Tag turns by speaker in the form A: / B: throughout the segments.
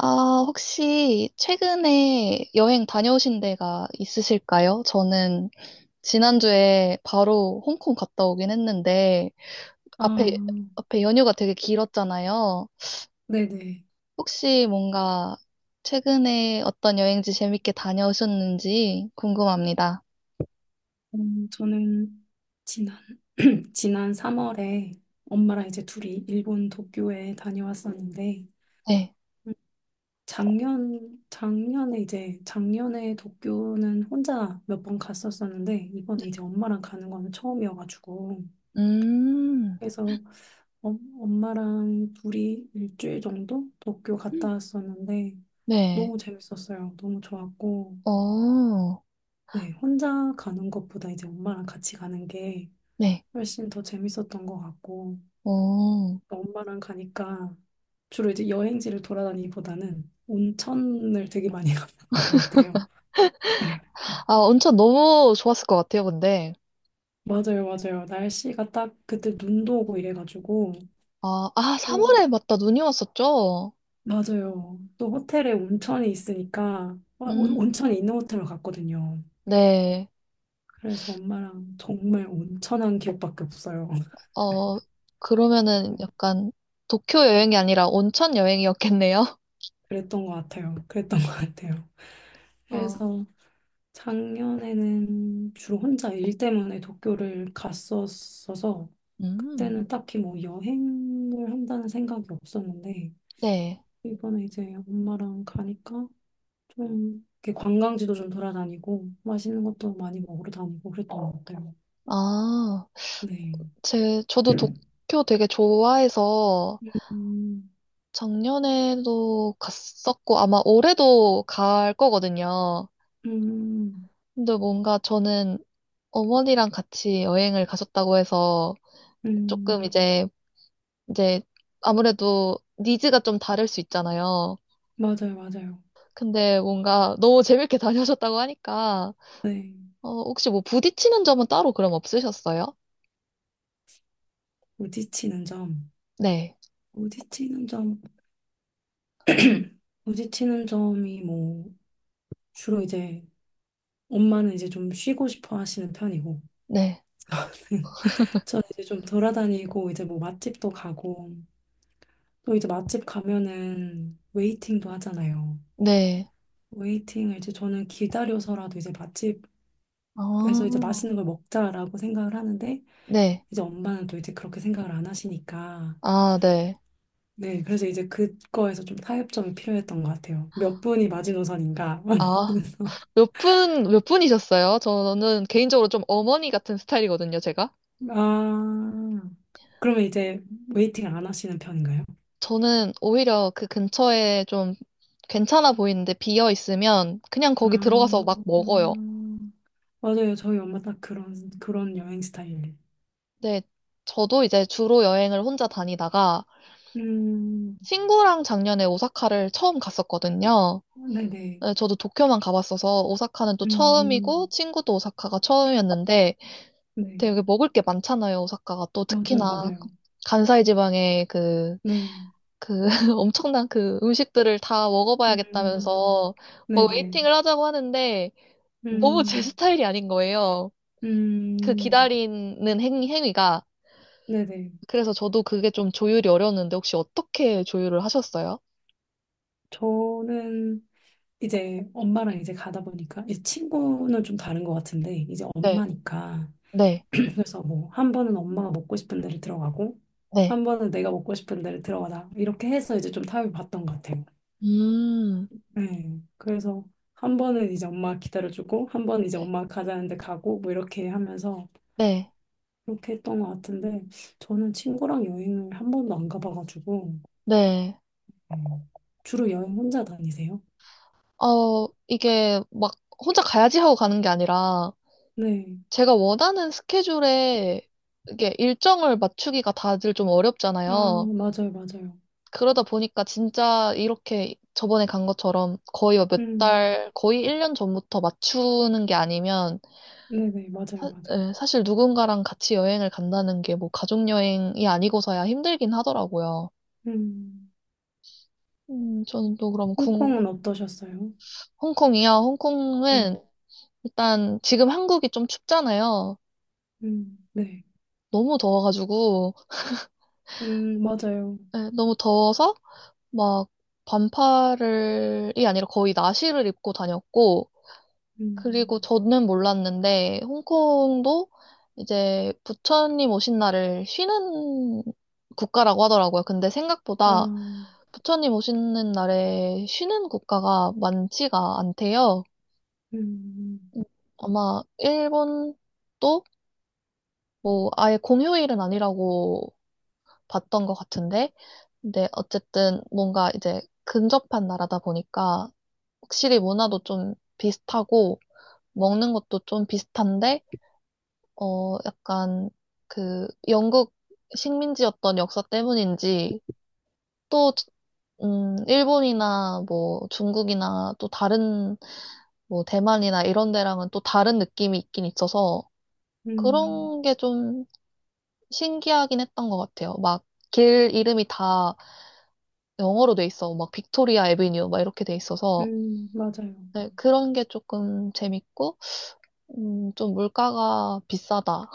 A: 아, 혹시 최근에 여행 다녀오신 데가 있으실까요? 저는 지난주에 바로 홍콩 갔다 오긴 했는데, 앞에,
B: 아,
A: 앞에 연휴가 되게 길었잖아요.
B: 네네.
A: 혹시 뭔가 최근에 어떤 여행지 재밌게 다녀오셨는지 궁금합니다.
B: 저는 지난, 지난 3월에 엄마랑 이제 둘이 일본 도쿄에 다녀왔었는데.
A: 네.
B: 음, 작년에 이제, 작년에 도쿄는 혼자 몇 번 갔었었는데, 이번에 이제 엄마랑 가는 거는 처음이어가지고,
A: 음,
B: 그래서 엄 엄마랑 둘이 일주일 정도 도쿄 갔다 왔었는데,
A: 네.
B: 너무 재밌었어요. 너무 좋았고,
A: 어,
B: 네, 혼자 가는 것보다 이제 엄마랑 같이 가는 게
A: 네.
B: 훨씬 더 재밌었던 것 같고,
A: 어.
B: 엄마랑 가니까 주로 이제 여행지를 돌아다니기보다는 온천을 되게 많이 갔었던 것 같아요. 그래.
A: 아, 온천 너무 좋았을 것 같아요, 근데.
B: 맞아요, 맞아요. 날씨가 딱 그때 눈도 오고 이래가지고
A: 아, 아,
B: 또
A: 3월에 맞다, 눈이 왔었죠?
B: 맞아요. 또 호텔에 온천이 있으니까 와,
A: 음,
B: 온천이 있는 호텔로 갔거든요.
A: 네.
B: 그래서 엄마랑 정말 온천한 기억밖에 없어요.
A: 어, 그러면은 약간 도쿄 여행이 아니라 온천 여행이었겠네요.
B: 그랬던 것 같아요. 그랬던 것 같아요.
A: 어,
B: 그래서 작년에는 주로 혼자 일 때문에 도쿄를 갔었어서,
A: 음,
B: 그때는 딱히 뭐 여행을 한다는 생각이 없었는데
A: 네.
B: 이번에 이제 엄마랑 가니까 좀 이렇게 관광지도 좀 돌아다니고 맛있는 것도 많이 먹으러 다니고 그랬던 것 같아요.
A: 아,
B: 네.
A: 저도 도쿄 되게 좋아해서
B: 음,
A: 작년에도 갔었고 아마 올해도 갈 거거든요.
B: 음,
A: 근데 뭔가 저는 어머니랑 같이 여행을 가셨다고 해서 조금
B: 음,
A: 이제 아무래도 니즈가 좀 다를 수 있잖아요.
B: 맞아요, 맞아요.
A: 근데 뭔가 너무 재밌게 다녀오셨다고 하니까,
B: 네.
A: 어, 혹시 뭐 부딪히는 점은 따로 그럼 없으셨어요?
B: 부딪히는 점.
A: 네,
B: 부딪히는 점. 부딪히는 점이 뭐 주로 이제 엄마는 이제 좀 쉬고 싶어 하시는 편이고,
A: 네,
B: 저는 이제 좀 돌아다니고, 이제 뭐 맛집도 가고, 또 이제 맛집 가면은 웨이팅도 하잖아요.
A: 네.
B: 웨이팅을 이제 저는 기다려서라도 이제 맛집에서
A: 아,
B: 이제 맛있는 걸 먹자라고 생각을 하는데,
A: 네.
B: 이제 엄마는 또 이제 그렇게 생각을 안 하시니까,
A: 아, 네.
B: 네, 그래서 이제 그거에서 좀 타협점이 필요했던 것 같아요. 몇 분이 마지노선인가?
A: 아,
B: 그래서,
A: 몇 분이셨어요? 저는 개인적으로 좀 어머니 같은 스타일이거든요, 제가.
B: 아, 그러면 이제 웨이팅 안 하시는 편인가요?
A: 저는 오히려 그 근처에 좀 괜찮아 보이는데 비어 있으면 그냥
B: 아,
A: 거기 들어가서 막 먹어요.
B: 음. 맞아요. 저희 엄마 딱 그런 여행 스타일.
A: 네, 저도 이제 주로 여행을 혼자 다니다가
B: 음,
A: 친구랑 작년에 오사카를 처음 갔었거든요.
B: 네네.
A: 네, 저도 도쿄만 가봤어서 오사카는 또
B: 음,
A: 처음이고
B: 음.
A: 친구도 오사카가 처음이었는데
B: 네.
A: 되게 먹을 게 많잖아요, 오사카가. 또
B: 맞아요,
A: 특히나
B: 맞아요.
A: 간사이 지방의 그,
B: 네.
A: 그 엄청난 그 음식들을 다
B: 음,
A: 먹어봐야겠다면서 뭐
B: 네네.
A: 웨이팅을 하자고 하는데 너무 제
B: 음,
A: 스타일이 아닌 거예요. 그
B: 음,
A: 기다리는 행위가.
B: 네네.
A: 그래서 저도 그게 좀 조율이 어려웠는데 혹시 어떻게 조율을 하셨어요?
B: 저는 이제 엄마랑 이제 가다 보니까, 이제 친구는 좀 다른 것 같은데, 이제
A: 네,
B: 엄마니까.
A: 네,
B: 그래서 뭐, 한 번은 엄마가 먹고 싶은 데를 들어가고,
A: 네.
B: 한 번은 내가 먹고 싶은 데를 들어가다. 이렇게 해서 이제 좀 타협을 봤던 것 같아요.
A: 음,
B: 네. 그래서 한 번은 이제 엄마 기다려주고, 한 번은 이제
A: 네,
B: 엄마 가자는데 가고, 뭐 이렇게 하면서
A: 네.
B: 그렇게 했던 것 같은데, 저는 친구랑 여행을 한 번도 안 가봐가지고,
A: 네.
B: 음, 주로 여행 혼자 다니세요?
A: 어, 이게 막 혼자 가야지 하고 가는 게 아니라
B: 네.
A: 제가 원하는 스케줄에 이게 일정을 맞추기가 다들 좀
B: 아,
A: 어렵잖아요.
B: 맞아요, 맞아요.
A: 그러다 보니까 진짜 이렇게 저번에 간 것처럼 거의 뭐 몇
B: 음,
A: 달, 거의 1년 전부터 맞추는 게 아니면
B: 네네, 맞아요, 맞아요.
A: 예, 사실 누군가랑 같이 여행을 간다는 게 뭐 가족 여행이 아니고서야 힘들긴 하더라고요.
B: 음,
A: 저는 또 그럼
B: 홍콩은 어떠셨어요?
A: 홍콩이요.
B: 네.
A: 홍콩은 일단 지금 한국이 좀 춥잖아요.
B: 네.
A: 너무 더워가지고,
B: 맞아요.
A: 예, 너무 더워서 막 반팔을이 아니라 거의 나시를 입고 다녔고, 그리고
B: 음,
A: 저는 몰랐는데, 홍콩도 이제 부처님 오신 날을 쉬는 국가라고 하더라고요. 근데
B: 아.
A: 생각보다 부처님 오시는 날에 쉬는 국가가 많지가 않대요.
B: 음,
A: 음, 아마 일본도 뭐 아예 공휴일은 아니라고 봤던 것 같은데, 근데 어쨌든 뭔가 이제 근접한 나라다 보니까 확실히 문화도 좀 비슷하고 먹는 것도 좀 비슷한데 어 약간 그 영국 식민지였던 역사 때문인지 또 일본이나 뭐 중국이나 또 다른 뭐 대만이나 이런 데랑은 또 다른 느낌이 있긴 있어서
B: 음,
A: 그런 게 좀 신기하긴 했던 것 같아요. 막 길 이름이 다 영어로 돼 있어. 막 빅토리아 애비뉴 막 이렇게 돼 있어서
B: 맞아요.
A: 네, 그런 게 조금 재밌고, 좀 물가가 비싸다.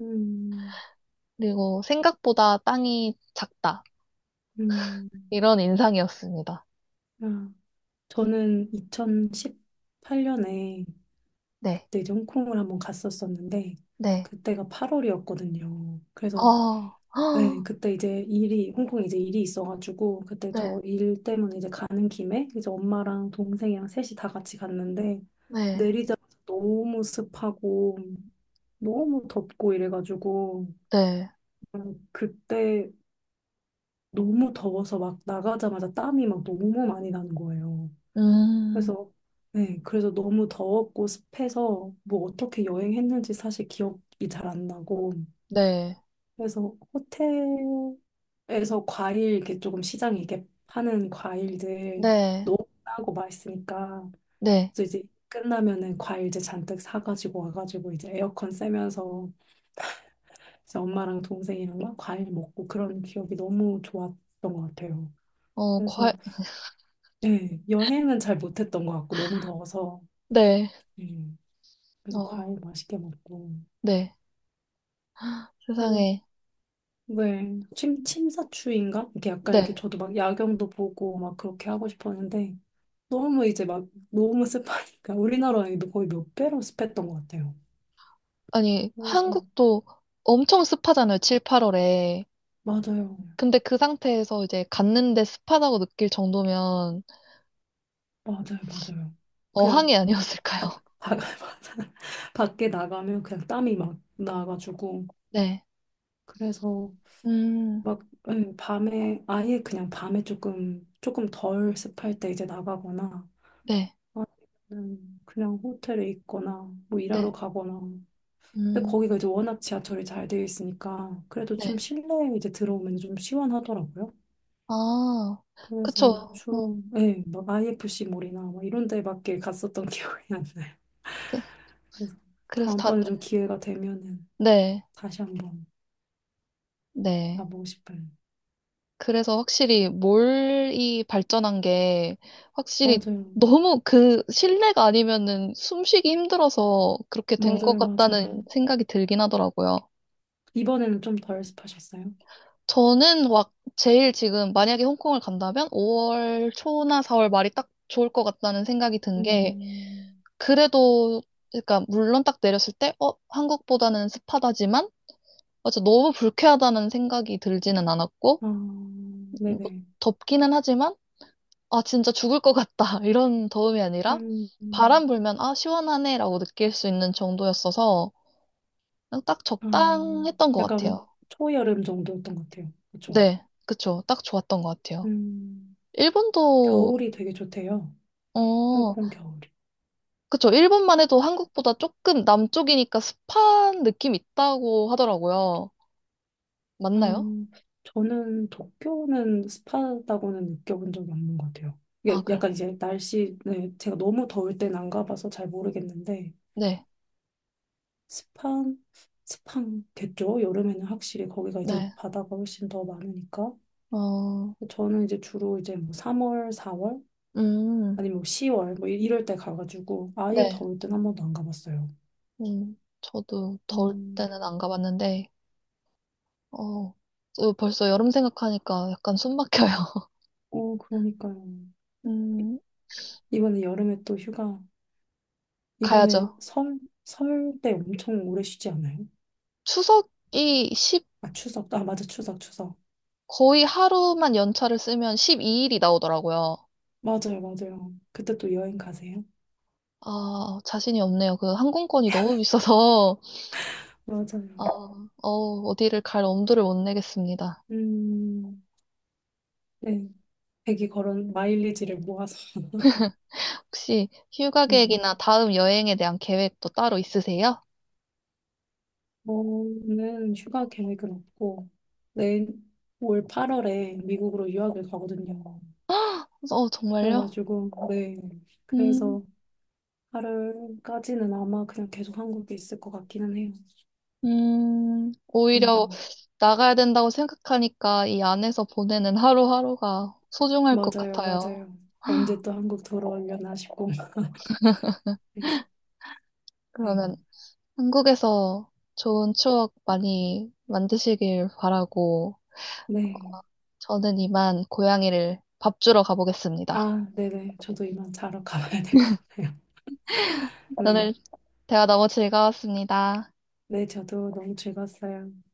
B: 음.
A: 그리고 생각보다 땅이 작다.
B: 음,
A: 이런 인상이었습니다.
B: 아, 저는 2018년에
A: 네,
B: 그때 이제 홍콩을 한번 갔었었는데
A: 네.
B: 그때가 8월이었거든요. 그래서
A: 아,
B: 네,
A: 헉,
B: 그때 이제 일이 홍콩에 이제 일이 있어가지고 그때
A: 네,
B: 저 일 때문에 이제 가는 김에 이제 엄마랑 동생이랑 셋이 다 같이 갔는데,
A: 네,
B: 내리자마자 너무 습하고 너무 덥고 이래가지고
A: 네.
B: 그냥 그때 너무 더워서 막 나가자마자 땀이 막 너무 많이 나는 거예요.
A: 음,
B: 그래서 네, 그래서 너무 더웠고 습해서 뭐 어떻게 여행했는지 사실 기억이 잘 안 나고,
A: 네,
B: 그래서 호텔에서 과일 이렇게 조금 시장에 이렇게 파는 과일들
A: 네,
B: 너무 싸고 맛있으니까,
A: 네.
B: 그래서 이제 끝나면은 과일들 잔뜩 사가지고 와가지고 이제 에어컨 쐬면서 이제 엄마랑 동생이랑 막 과일 먹고 그런 기억이 너무 좋았던 것 같아요.
A: 어,
B: 그래서 네, 여행은 잘 못했던 것 같고 너무 더워서.
A: 네,
B: 네. 그래서
A: 어,
B: 과일 맛있게 먹고.
A: 네.
B: 그래서
A: 세상에,
B: 왜 침사추인가? 이렇게 약간 이렇게
A: 네.
B: 저도 막 야경도 보고 막 그렇게 하고 싶었는데 너무 이제 막 너무 습하니까 우리나라 이거 거의 몇 배로 습했던 것 같아요.
A: 아니,
B: 그래서
A: 한국도 엄청 습하잖아요. 7, 8월에.
B: 맞아요,
A: 근데 그 상태에서 이제 갔는데 습하다고 느낄 정도면
B: 맞아요, 맞아요. 그냥
A: 어항이
B: 바,
A: 아니었을까요?
B: 맞아. 밖에 나가면 그냥 땀이 막 나가지고,
A: 네.
B: 그래서
A: 음.
B: 막 예, 밤에 아예 그냥 밤에 조금 덜 습할 때 이제 나가거나
A: 네.
B: 아니면 그냥 호텔에 있거나 뭐
A: 네.
B: 일하러 가거나. 근데
A: 음.
B: 거기가 이제 워낙 지하철이 잘 되어 있으니까 그래도 좀
A: 네.
B: 실내에 이제 들어오면 좀 시원하더라고요.
A: 아.
B: 그래서
A: 그쵸. 어.
B: 주로 예, 막 IFC 몰이나 막 이런 데 밖에 갔었던 기억이 안 나요.
A: 그
B: 그래서
A: 그래서
B: 다음번에
A: 다들
B: 좀 기회가 되면은
A: 네.
B: 다시 한번
A: 네.
B: 가보고 싶어요.
A: 그래서 확실히 몰이 발전한 게 확실히
B: 맞아요.
A: 너무 그 실내가 아니면은 숨쉬기 힘들어서 그렇게 된 것
B: 맞아요. 맞아요.
A: 같다는 생각이 들긴 하더라고요.
B: 이번에는 좀 덜 습하셨어요?
A: 저는 막 제일 지금 만약에 홍콩을 간다면 5월 초나 4월 말이 딱 좋을 것 같다는 생각이 든게
B: 음.
A: 그래도, 그러니까, 물론 딱 내렸을 때, 어, 한국보다는 습하다지만, 어차 너무 불쾌하다는 생각이 들지는 않았고,
B: 아,
A: 뭐
B: 네네.
A: 덥기는 하지만, 아, 진짜 죽을 것 같다. 이런 더움이 아니라,
B: 음.
A: 바람 불면, 아, 시원하네. 라고 느낄 수 있는 정도였어서, 그냥 딱
B: 아,
A: 적당했던 것 같아요.
B: 약간 초여름 정도였던 것 같아요. 그쵸?
A: 네, 그쵸. 딱 좋았던 것 같아요.
B: 음,
A: 일본도,
B: 겨울이 되게 좋대요.
A: 어,
B: 홍콩 겨울이.
A: 그쵸. 일본만 해도 한국보다 조금 남쪽이니까 습한 느낌 있다고 하더라고요.
B: 아,
A: 맞나요?
B: 저는 도쿄는 습하다고는 느껴본 적이 없는 것 같아요.
A: 아,
B: 이게
A: 그래.
B: 약간 이제 날씨, 네, 제가 너무 더울 땐 안 가봐서 잘 모르겠는데,
A: 네,
B: 습한, 습한겠죠? 여름에는 확실히 거기가
A: 네.
B: 이제
A: 네,
B: 바다가 훨씬 더 많으니까.
A: 어,
B: 저는 이제 주로 이제 뭐 3월, 4월?
A: 음,
B: 아니면 뭐 10월? 뭐 이럴 때 가가지고 아예
A: 네,
B: 더울 땐 한 번도 안 가봤어요.
A: 저도 더울 때는 안
B: 음,
A: 가봤는데, 어, 저 벌써 여름 생각하니까 약간 숨 막혀요.
B: 어, 그러니까요.
A: 음,
B: 이번에 여름에 또 휴가, 이번에
A: 가야죠.
B: 설, 설 때 엄청 오래 쉬지 않아요?
A: 추석이 십
B: 아, 추석. 아, 맞아, 추석, 추석.
A: 거의 하루만 연차를 쓰면 12일이 나오더라고요.
B: 맞아요, 맞아요. 그때 또 여행 가세요?
A: 아, 자신이 없네요. 그 항공권이 너무 비싸서, 아,
B: 맞아요.
A: 어, 어디를 갈 엄두를 못 내겠습니다.
B: 음, 네. 되게 걸은 마일리지를 모아서.
A: 혹시 휴가
B: 음,
A: 계획이나 다음 여행에 대한 계획도 따로 있으세요?
B: 저는 휴가 계획은 없고, 내일 올 8월에 미국으로 유학을 가거든요.
A: 어, 정말요?
B: 그래가지고, 네.
A: 음.
B: 그래서 8월까지는 아마 그냥 계속 한국에 있을 것 같기는 해요. 네,
A: 오히려 나가야 된다고 생각하니까 이 안에서 보내는 하루하루가 소중할 것
B: 맞아요,
A: 같아요.
B: 맞아요. 언제 또 한국 돌아오려나 싶고. 그래서, 네.
A: 그러면 한국에서 좋은 추억 많이 만드시길 바라고
B: 네.
A: 저는 이만 고양이를 밥 주러 가보겠습니다.
B: 아, 네네. 저도 이만 자러 가봐야 될 것 같아요. 네.
A: 오늘 대화 너무 즐거웠습니다.
B: 네, 저도 너무 즐거웠어요.